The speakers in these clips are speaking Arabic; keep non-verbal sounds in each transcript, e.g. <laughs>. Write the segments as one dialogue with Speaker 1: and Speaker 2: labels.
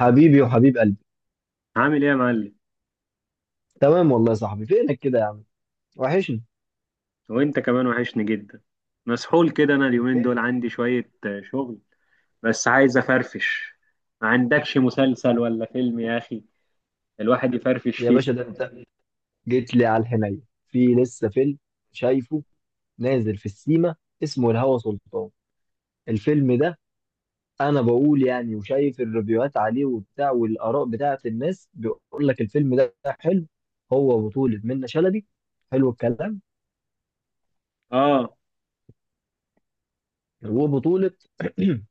Speaker 1: حبيبي وحبيب قلبي.
Speaker 2: عامل ايه يا معلم؟
Speaker 1: تمام والله يا صاحبي، فينك كده يا عم؟ وحشني.
Speaker 2: وانت كمان وحشني جدا. مسحول كده، انا اليومين دول
Speaker 1: ايه
Speaker 2: عندي شوية شغل. بس عايز افرفش. ما عندكش مسلسل ولا فيلم يا اخي الواحد يفرفش
Speaker 1: يا
Speaker 2: فيه؟
Speaker 1: باشا، ده انت جيت لي على الحنين. في لسه فيلم شايفه نازل في السيما اسمه الهوى سلطان. الفيلم ده انا بقول يعني، وشايف الريفيوهات عليه وبتاع والاراء بتاعه الناس بيقول لك الفيلم ده حلو. هو بطولة منة شلبي. حلو الكلام.
Speaker 2: اه.
Speaker 1: وبطولة <clears throat>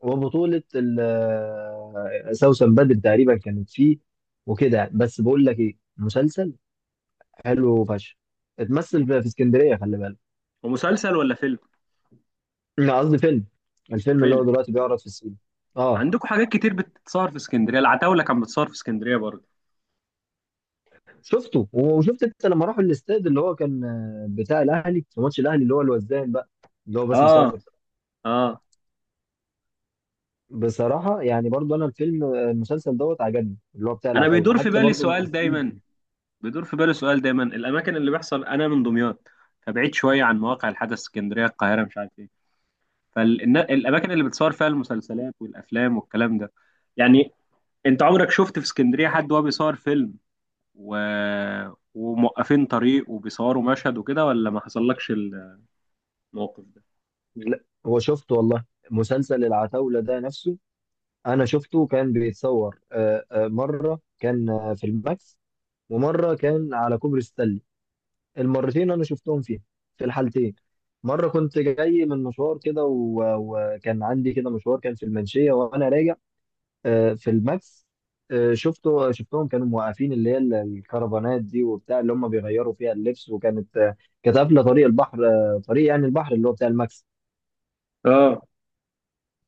Speaker 1: وبطولة سوسن بدر تقريبا كانت فيه، وكده يعني. بس بقول لك ايه، مسلسل حلو فشخ، اتمثل في اسكندريه، خلي بالك.
Speaker 2: ومسلسل ولا فيلم؟
Speaker 1: لا قصدي فيلم، الفيلم اللي هو
Speaker 2: فيلم.
Speaker 1: دلوقتي بيعرض في السينما. اه
Speaker 2: عندكم حاجات كتير بتتصور في اسكندرية، العتاولة كان بتصور في اسكندرية برضه.
Speaker 1: شفته، وشفت انت لما راحوا الاستاد اللي هو كان بتاع الاهلي في ماتش الاهلي اللي هو الوزان بقى، اللي هو باسم
Speaker 2: اه،
Speaker 1: سمر.
Speaker 2: اه.
Speaker 1: بصراحه يعني برضو انا الفيلم، المسلسل دوت عجبني اللي هو بتاع
Speaker 2: انا
Speaker 1: العتاوله،
Speaker 2: بيدور في
Speaker 1: حتى
Speaker 2: بالي
Speaker 1: برضو
Speaker 2: سؤال
Speaker 1: الممثلين
Speaker 2: دايما،
Speaker 1: فيه.
Speaker 2: الاماكن اللي بيحصل، انا من دمياط، فبعيد شوية عن مواقع الحدث، اسكندرية، القاهرة، مش عارف ايه، فالاماكن اللي بتصور فيها المسلسلات والافلام والكلام ده، يعني، انت عمرك شفت في اسكندريه حد وهو بيصور فيلم و... وموقفين طريق وبيصوروا مشهد وكده، ولا ما حصلكش الموقف ده؟
Speaker 1: لا هو شفته والله، مسلسل العتاوله ده نفسه انا شفته كان بيتصور، مره كان في الماكس، ومره كان على كوبري ستانلي. المرتين انا شفتهم فيها، في الحالتين. مره كنت جاي من مشوار كده وكان عندي كده مشوار كان في المنشيه وانا راجع، في الماكس. شفتهم كانوا موقفين اللي هي الكرفانات دي وبتاع اللي هم بيغيروا فيها اللبس، وكانت كانت قافله طريق البحر، طريق يعني البحر اللي هو بتاع الماكس.
Speaker 2: اه.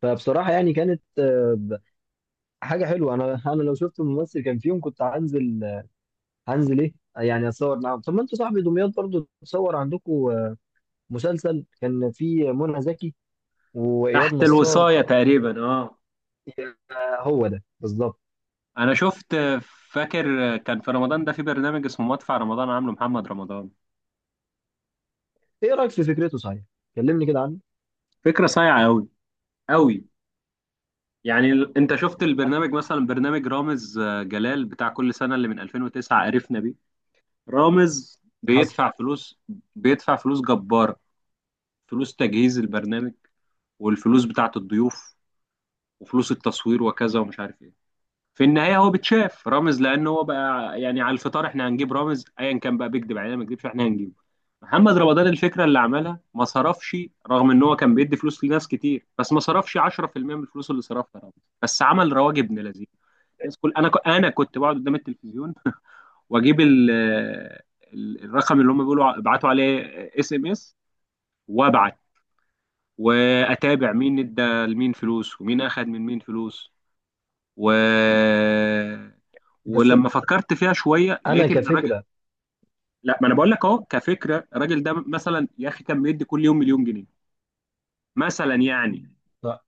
Speaker 1: فبصراحه يعني كانت حاجه حلوه. انا <laughs> انا لو شفت ممثل كان فيهم كنت هنزل، هنزل ايه يعني اتصور معاهم. طب ما انتوا صاحبي دمياط برضو تصور عندكم، مسلسل كان فيه منى زكي واياد
Speaker 2: تحت
Speaker 1: نصار.
Speaker 2: الوصايه تقريبا، اه.
Speaker 1: يا- هو ده بالظبط.
Speaker 2: انا شفت، فاكر كان في رمضان ده في برنامج اسمه مدفع رمضان عامله محمد رمضان.
Speaker 1: ايه رايك في فكرته صحيح؟ كلمني كده عنه.
Speaker 2: فكره صايعه قوي قوي. يعني انت شفت البرنامج، مثلا برنامج رامز جلال بتاع كل سنه اللي من 2009 قرفنا. رامز
Speaker 1: حصل.
Speaker 2: بيدفع فلوس، بيدفع فلوس جبارة، فلوس تجهيز البرنامج، والفلوس بتاعة الضيوف، وفلوس التصوير وكذا ومش عارف ايه. في النهاية هو بتشاف رامز، لأن هو بقى يعني على الفطار، احنا هنجيب رامز أيا كان بقى، بيكذب علينا ما بيكذبش، احنا هنجيبه. محمد رمضان الفكرة اللي عملها ما صرفش، رغم ان هو كان بيدي فلوس لناس كتير، بس ما صرفش 10% من الفلوس اللي صرفها رامز. بس عمل رواج ابن لذيذ. الناس كل انا كنت بقعد قدام التلفزيون واجيب الرقم اللي هم بيقولوا ابعتوا عليه اس ام اس، وابعت، واتابع مين ادى لمين فلوس، ومين اخد من مين فلوس. و
Speaker 1: بس
Speaker 2: ولما فكرت فيها شويه
Speaker 1: انا
Speaker 2: لقيت ان الراجل،
Speaker 1: كفكره.
Speaker 2: لا، ما انا بقول لك اهو كفكره. الراجل ده مثلا يا اخي كان بيدي كل يوم مليون جنيه، مثلا يعني،
Speaker 1: لا،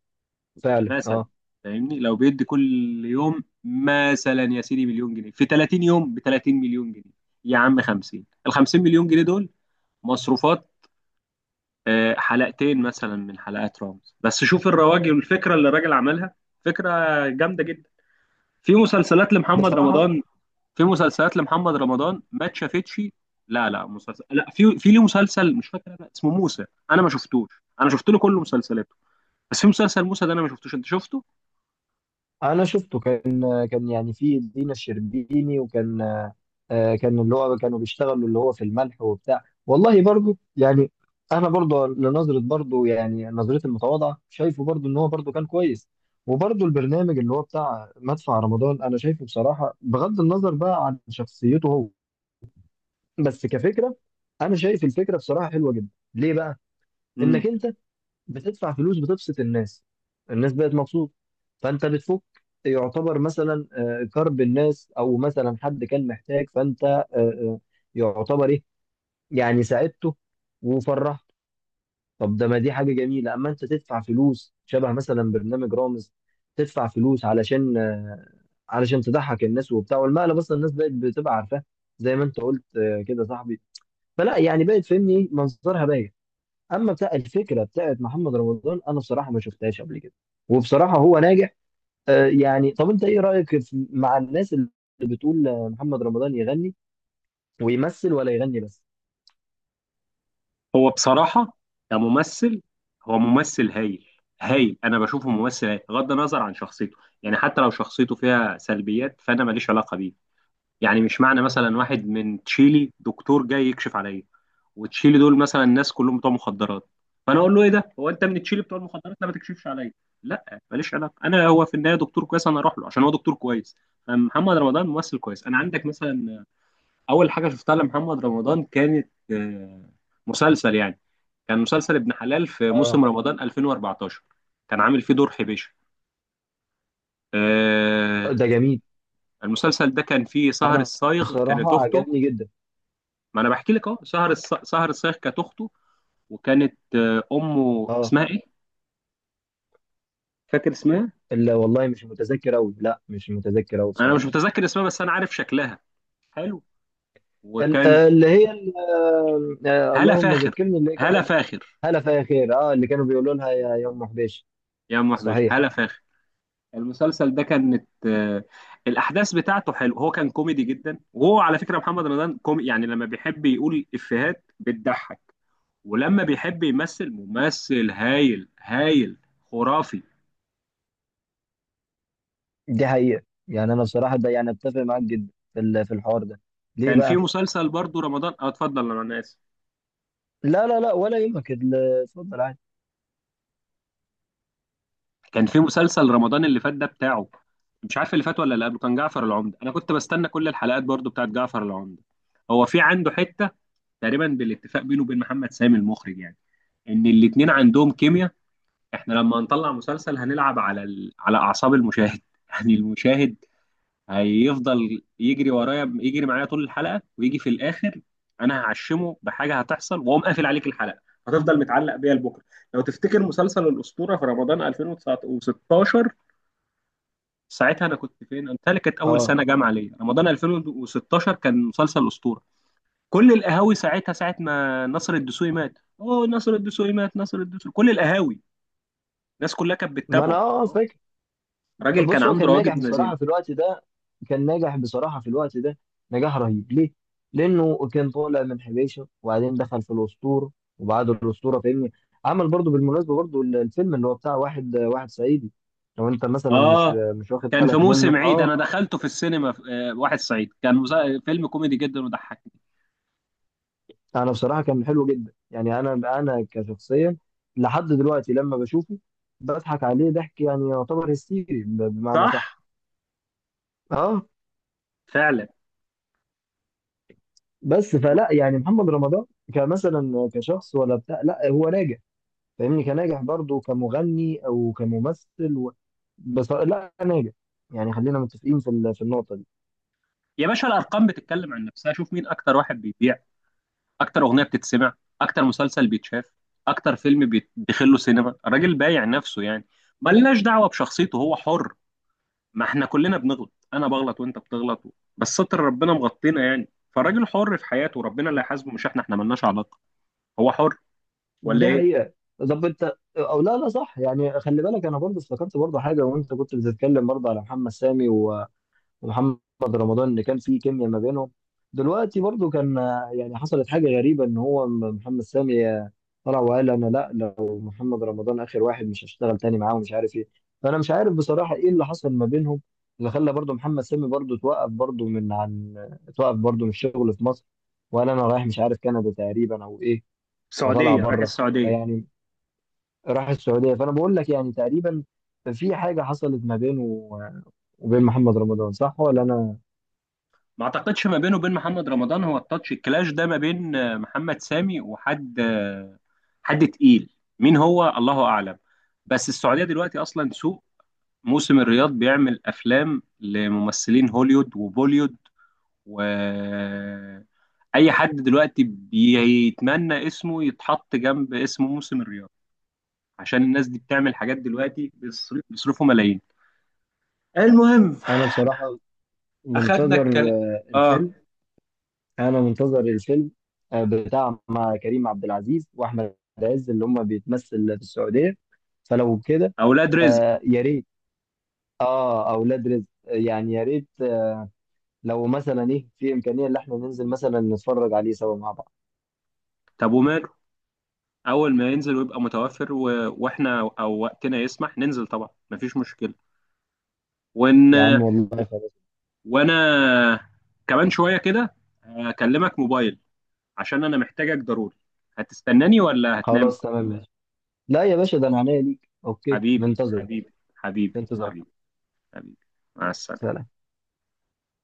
Speaker 1: فعلا
Speaker 2: مثلا،
Speaker 1: اه.
Speaker 2: فاهمني، لو بيدي كل يوم مثلا يا سيدي مليون جنيه في 30 يوم، ب 30 مليون جنيه، يا عم 50 50 مليون جنيه دول مصروفات حلقتين مثلا من حلقات رامز. بس شوف الرواج والفكره اللي الراجل عملها، فكره جامده جدا. في مسلسلات لمحمد
Speaker 1: بصراحه
Speaker 2: رمضان، ما اتشافتش. لا لا مسلسل، لا، في ليه مسلسل مش فاكر أنا اسمه موسى، انا ما شفتوش. انا شفت له كل مسلسلاته، بس في مسلسل موسى ده انا ما شفتوش، انت شفته؟
Speaker 1: انا شفته، كان كان يعني في دينا الشربيني، وكان كان اللي هو كانوا بيشتغلوا اللي هو في الملح وبتاع، والله برضو يعني انا برضو لنظره برضو يعني نظرتي المتواضعه شايفه برضو ان هو برضو كان كويس. وبرضو البرنامج اللي هو بتاع مدفع رمضان انا شايفه بصراحه، بغض النظر بقى عن شخصيته هو، بس كفكره، انا شايف الفكره بصراحه حلوه جدا. ليه بقى؟
Speaker 2: امم
Speaker 1: انك انت بتدفع فلوس، بتبسط الناس، الناس بقت مبسوطه، فانت بتفك، يعتبر مثلا كرب الناس، او مثلا حد كان محتاج فانت يعتبر ايه يعني، ساعدته وفرحته. طب ده ما دي حاجه جميله، اما انت تدفع فلوس شبه مثلا برنامج رامز، تدفع فلوس علشان علشان تضحك الناس وبتاع، والمقلب اصلا الناس بقت بتبقى عارفاه، زي ما انت قلت كده صاحبي. فلا يعني بقت فهمني إيه؟ منظرها باين. اما بتاع الفكره بتاعت محمد رمضان انا بصراحه ما شفتهاش قبل كده، وبصراحه هو ناجح. آه يعني طب انت ايه رايك مع الناس اللي بتقول محمد رمضان يغني ويمثل ولا يغني بس؟
Speaker 2: هو بصراحه كممثل، هو ممثل هايل. هايل، انا بشوفه ممثل هايل بغض النظر عن شخصيته. يعني حتى لو شخصيته فيها سلبيات، فانا ماليش علاقه بيه. يعني مش معنى مثلا واحد من تشيلي دكتور جاي يكشف عليا، وتشيلي دول مثلا الناس كلهم بتوع مخدرات، فانا اقول له ايه ده، هو انت من تشيلي بتوع المخدرات، لا ما تكشفش عليا. لا، ماليش علاقه انا، هو في النهايه دكتور كويس، انا اروح له عشان هو دكتور كويس. محمد رمضان ممثل كويس. انا عندك مثلا، اول حاجه شفتها لمحمد رمضان كانت مسلسل يعني، كان مسلسل ابن حلال في موسم
Speaker 1: اه،
Speaker 2: رمضان 2014، كان عامل فيه دور حبيشه. آه،
Speaker 1: ده جميل.
Speaker 2: المسلسل ده كان فيه سهر
Speaker 1: انا
Speaker 2: الصايغ كانت
Speaker 1: بصراحه
Speaker 2: اخته.
Speaker 1: عجبني جدا.
Speaker 2: ما انا بحكي لك اهو، سهر الصايغ كانت اخته، وكانت امه
Speaker 1: اه،
Speaker 2: اسمها ايه؟ فاكر اسمها؟
Speaker 1: لا والله مش متذكر قوي، لا مش متذكر قوي
Speaker 2: انا مش
Speaker 1: بصراحه.
Speaker 2: متذكر اسمها بس انا عارف شكلها. حلو.
Speaker 1: ال-
Speaker 2: وكان،
Speaker 1: آه، اللي هي ال- آه، آه،
Speaker 2: هلا
Speaker 1: اللهم
Speaker 2: فاخر.
Speaker 1: ذكرني اللي
Speaker 2: هلا
Speaker 1: كانت.
Speaker 2: فاخر.
Speaker 1: هلا فيا خير، اه اللي كانوا بيقولوا لها يا ام حبيش.
Speaker 2: يا ام وحبش،
Speaker 1: صحيح.
Speaker 2: هلا فاخر. المسلسل ده كانت الاحداث بتاعته حلو. هو كان كوميدي جدا، وهو على فكره محمد رمضان كومي، يعني لما بيحب يقول افيهات بتضحك، ولما بيحب يمثل، ممثل هايل هايل، خرافي.
Speaker 1: دي حقيقة يعني أنا بصراحة ده يعني أتفق معاك جدا في في الحوار ده. ليه
Speaker 2: كان في
Speaker 1: بقى؟
Speaker 2: مسلسل برضو رمضان، اه، اتفضل انا اسف.
Speaker 1: لا لا لا ولا يهمك اتفضل عادي.
Speaker 2: كان في مسلسل رمضان اللي فات ده بتاعه، مش عارف اللي فات ولا اللي قبله، كان جعفر العمدة. انا كنت بستنى كل الحلقات برضو بتاعت جعفر العمدة. هو في عنده حتة تقريبا بالاتفاق بينه وبين محمد سامي المخرج، يعني ان الاتنين عندهم كيمياء، احنا لما هنطلع مسلسل هنلعب على اعصاب المشاهد <laughs> يعني المشاهد هيفضل يجري ورايا، يجري معايا طول الحلقة، ويجي في الاخر انا هعشمه بحاجة هتحصل، واقوم قافل عليك الحلقة، هتفضل متعلق بيها لبكره. لو تفتكر مسلسل الاسطوره في رمضان 2019، ساعتها انا كنت فين؟ قلت لك كانت اول
Speaker 1: أه
Speaker 2: سنه جامعه ليا. رمضان 2016 كان مسلسل اسطوره، كل القهاوي ساعتها ساعه ما نصر الدسوقي مات، اوه نصر الدسوقي مات، نصر الدسوقي، كل القهاوي الناس كلها كانت
Speaker 1: ما أنا
Speaker 2: بتتابعه
Speaker 1: أه فاكر.
Speaker 2: راجل كان
Speaker 1: بص هو
Speaker 2: عنده
Speaker 1: كان ناجح
Speaker 2: رواجب مزين.
Speaker 1: بصراحة في الوقت ده، كان ناجح بصراحة في الوقت ده، نجاح رهيب. ليه؟ لأنه كان طالع من حبيشة، وبعدين دخل في الأسطورة، وبعد الأسطورة فاهمني عمل برضو بالمناسبة برضو الفيلم اللي هو بتاع واحد واحد صعيدي. لو أنت مثلا مش
Speaker 2: اه.
Speaker 1: مش واخد
Speaker 2: كان في
Speaker 1: بالك منه
Speaker 2: موسم عيد
Speaker 1: أه.
Speaker 2: انا دخلته في السينما في واحد صعيد، كان فيلم كوميدي جدا وضحكني.
Speaker 1: انا بصراحه كان حلو جدا، يعني انا انا كشخصيا لحد دلوقتي لما بشوفه بضحك عليه ضحك يعني يعتبر هستيري بمعنى
Speaker 2: صح،
Speaker 1: صح. اه.
Speaker 2: فعلا.
Speaker 1: بس
Speaker 2: و-
Speaker 1: فلا يعني محمد رمضان كمثلا كشخص ولا بتاع، لا هو ناجح فاهمني، كناجح برضه كمغني او كممثل و... بس لا ناجح، يعني خلينا متفقين في في النقطه دي.
Speaker 2: يا باشا الارقام بتتكلم عن نفسها، شوف مين اكتر واحد بيبيع، اكتر اغنيه بتتسمع، اكتر مسلسل بيتشاف، اكتر فيلم بيدخل له سينما. الراجل بايع نفسه يعني، ملناش دعوه بشخصيته، هو حر، ما احنا كلنا بنغلط، انا بغلط وانت بتغلط، بس ستر ربنا مغطينا يعني. فالراجل حر في حياته، ربنا اللي هيحاسبه مش احنا، احنا ملناش علاقه، هو حر، ولا
Speaker 1: دي
Speaker 2: ايه؟
Speaker 1: حقيقة. طب انت او لا لا صح يعني، خلي بالك انا برضه افتكرت برضه حاجة وانت كنت بتتكلم برضه على محمد سامي ومحمد رمضان اللي كان في كيمياء ما بينهم. دلوقتي برضو كان يعني حصلت حاجة غريبة، ان هو محمد سامي طلع وقال انا لا لو محمد رمضان اخر واحد مش هشتغل تاني معاه ومش عارف ايه. فانا مش عارف بصراحة ايه اللي حصل ما بينهم، اللي خلى برضو محمد سامي برضو توقف برضو من عن توقف برضو من الشغل في مصر، وقال انا رايح مش عارف كندا تقريبا او ايه، فطلع
Speaker 2: السعوديه، رايح
Speaker 1: بره.
Speaker 2: السعوديه.
Speaker 1: فيعني راح السعودية، فانا بقول لك يعني تقريبا في حاجة حصلت ما بينه آه، وبين محمد رمضان، صح ولا انا؟
Speaker 2: ما اعتقدش ما بينه وبين محمد رمضان، هو التاتش الكلاش ده ما بين محمد سامي وحد حد تقيل، مين هو الله اعلم. بس السعوديه دلوقتي اصلا سوق، موسم الرياض بيعمل افلام لممثلين هوليوود وبوليوود، و اي حد دلوقتي بيتمنى اسمه يتحط جنب اسم موسم الرياض، عشان الناس دي بتعمل حاجات دلوقتي، بيصرفوا ملايين. المهم،
Speaker 1: انا بصراحه
Speaker 2: اخدنا
Speaker 1: منتظر
Speaker 2: الكلام. اه.
Speaker 1: الفيلم. انا منتظر الفيلم بتاع مع كريم عبد العزيز واحمد عز اللي هم بيتمثل في السعوديه. فلو كده.
Speaker 2: اولاد رزق،
Speaker 1: آه يا ريت. اه اولاد رزق يعني يا ريت لو مثلا ايه في امكانيه ان احنا ننزل مثلا نتفرج عليه سوا مع بعض.
Speaker 2: طب وماله، اول ما ينزل ويبقى متوفر واحنا او وقتنا يسمح ننزل طبعا، مفيش مشكلة. وان
Speaker 1: يا عم والله خلاص.
Speaker 2: وانا كمان شوية كده هكلمك موبايل، عشان انا محتاجك ضروري. هتستناني ولا هتنام؟
Speaker 1: خلاص تمام ماشي. لا يا باشا، ده انا عينيا ليك، اوكي
Speaker 2: حبيبي
Speaker 1: منتظر.
Speaker 2: حبيبي حبيبي
Speaker 1: انتظار.
Speaker 2: حبيبي، حبيبي، مع السلامة.
Speaker 1: سلام.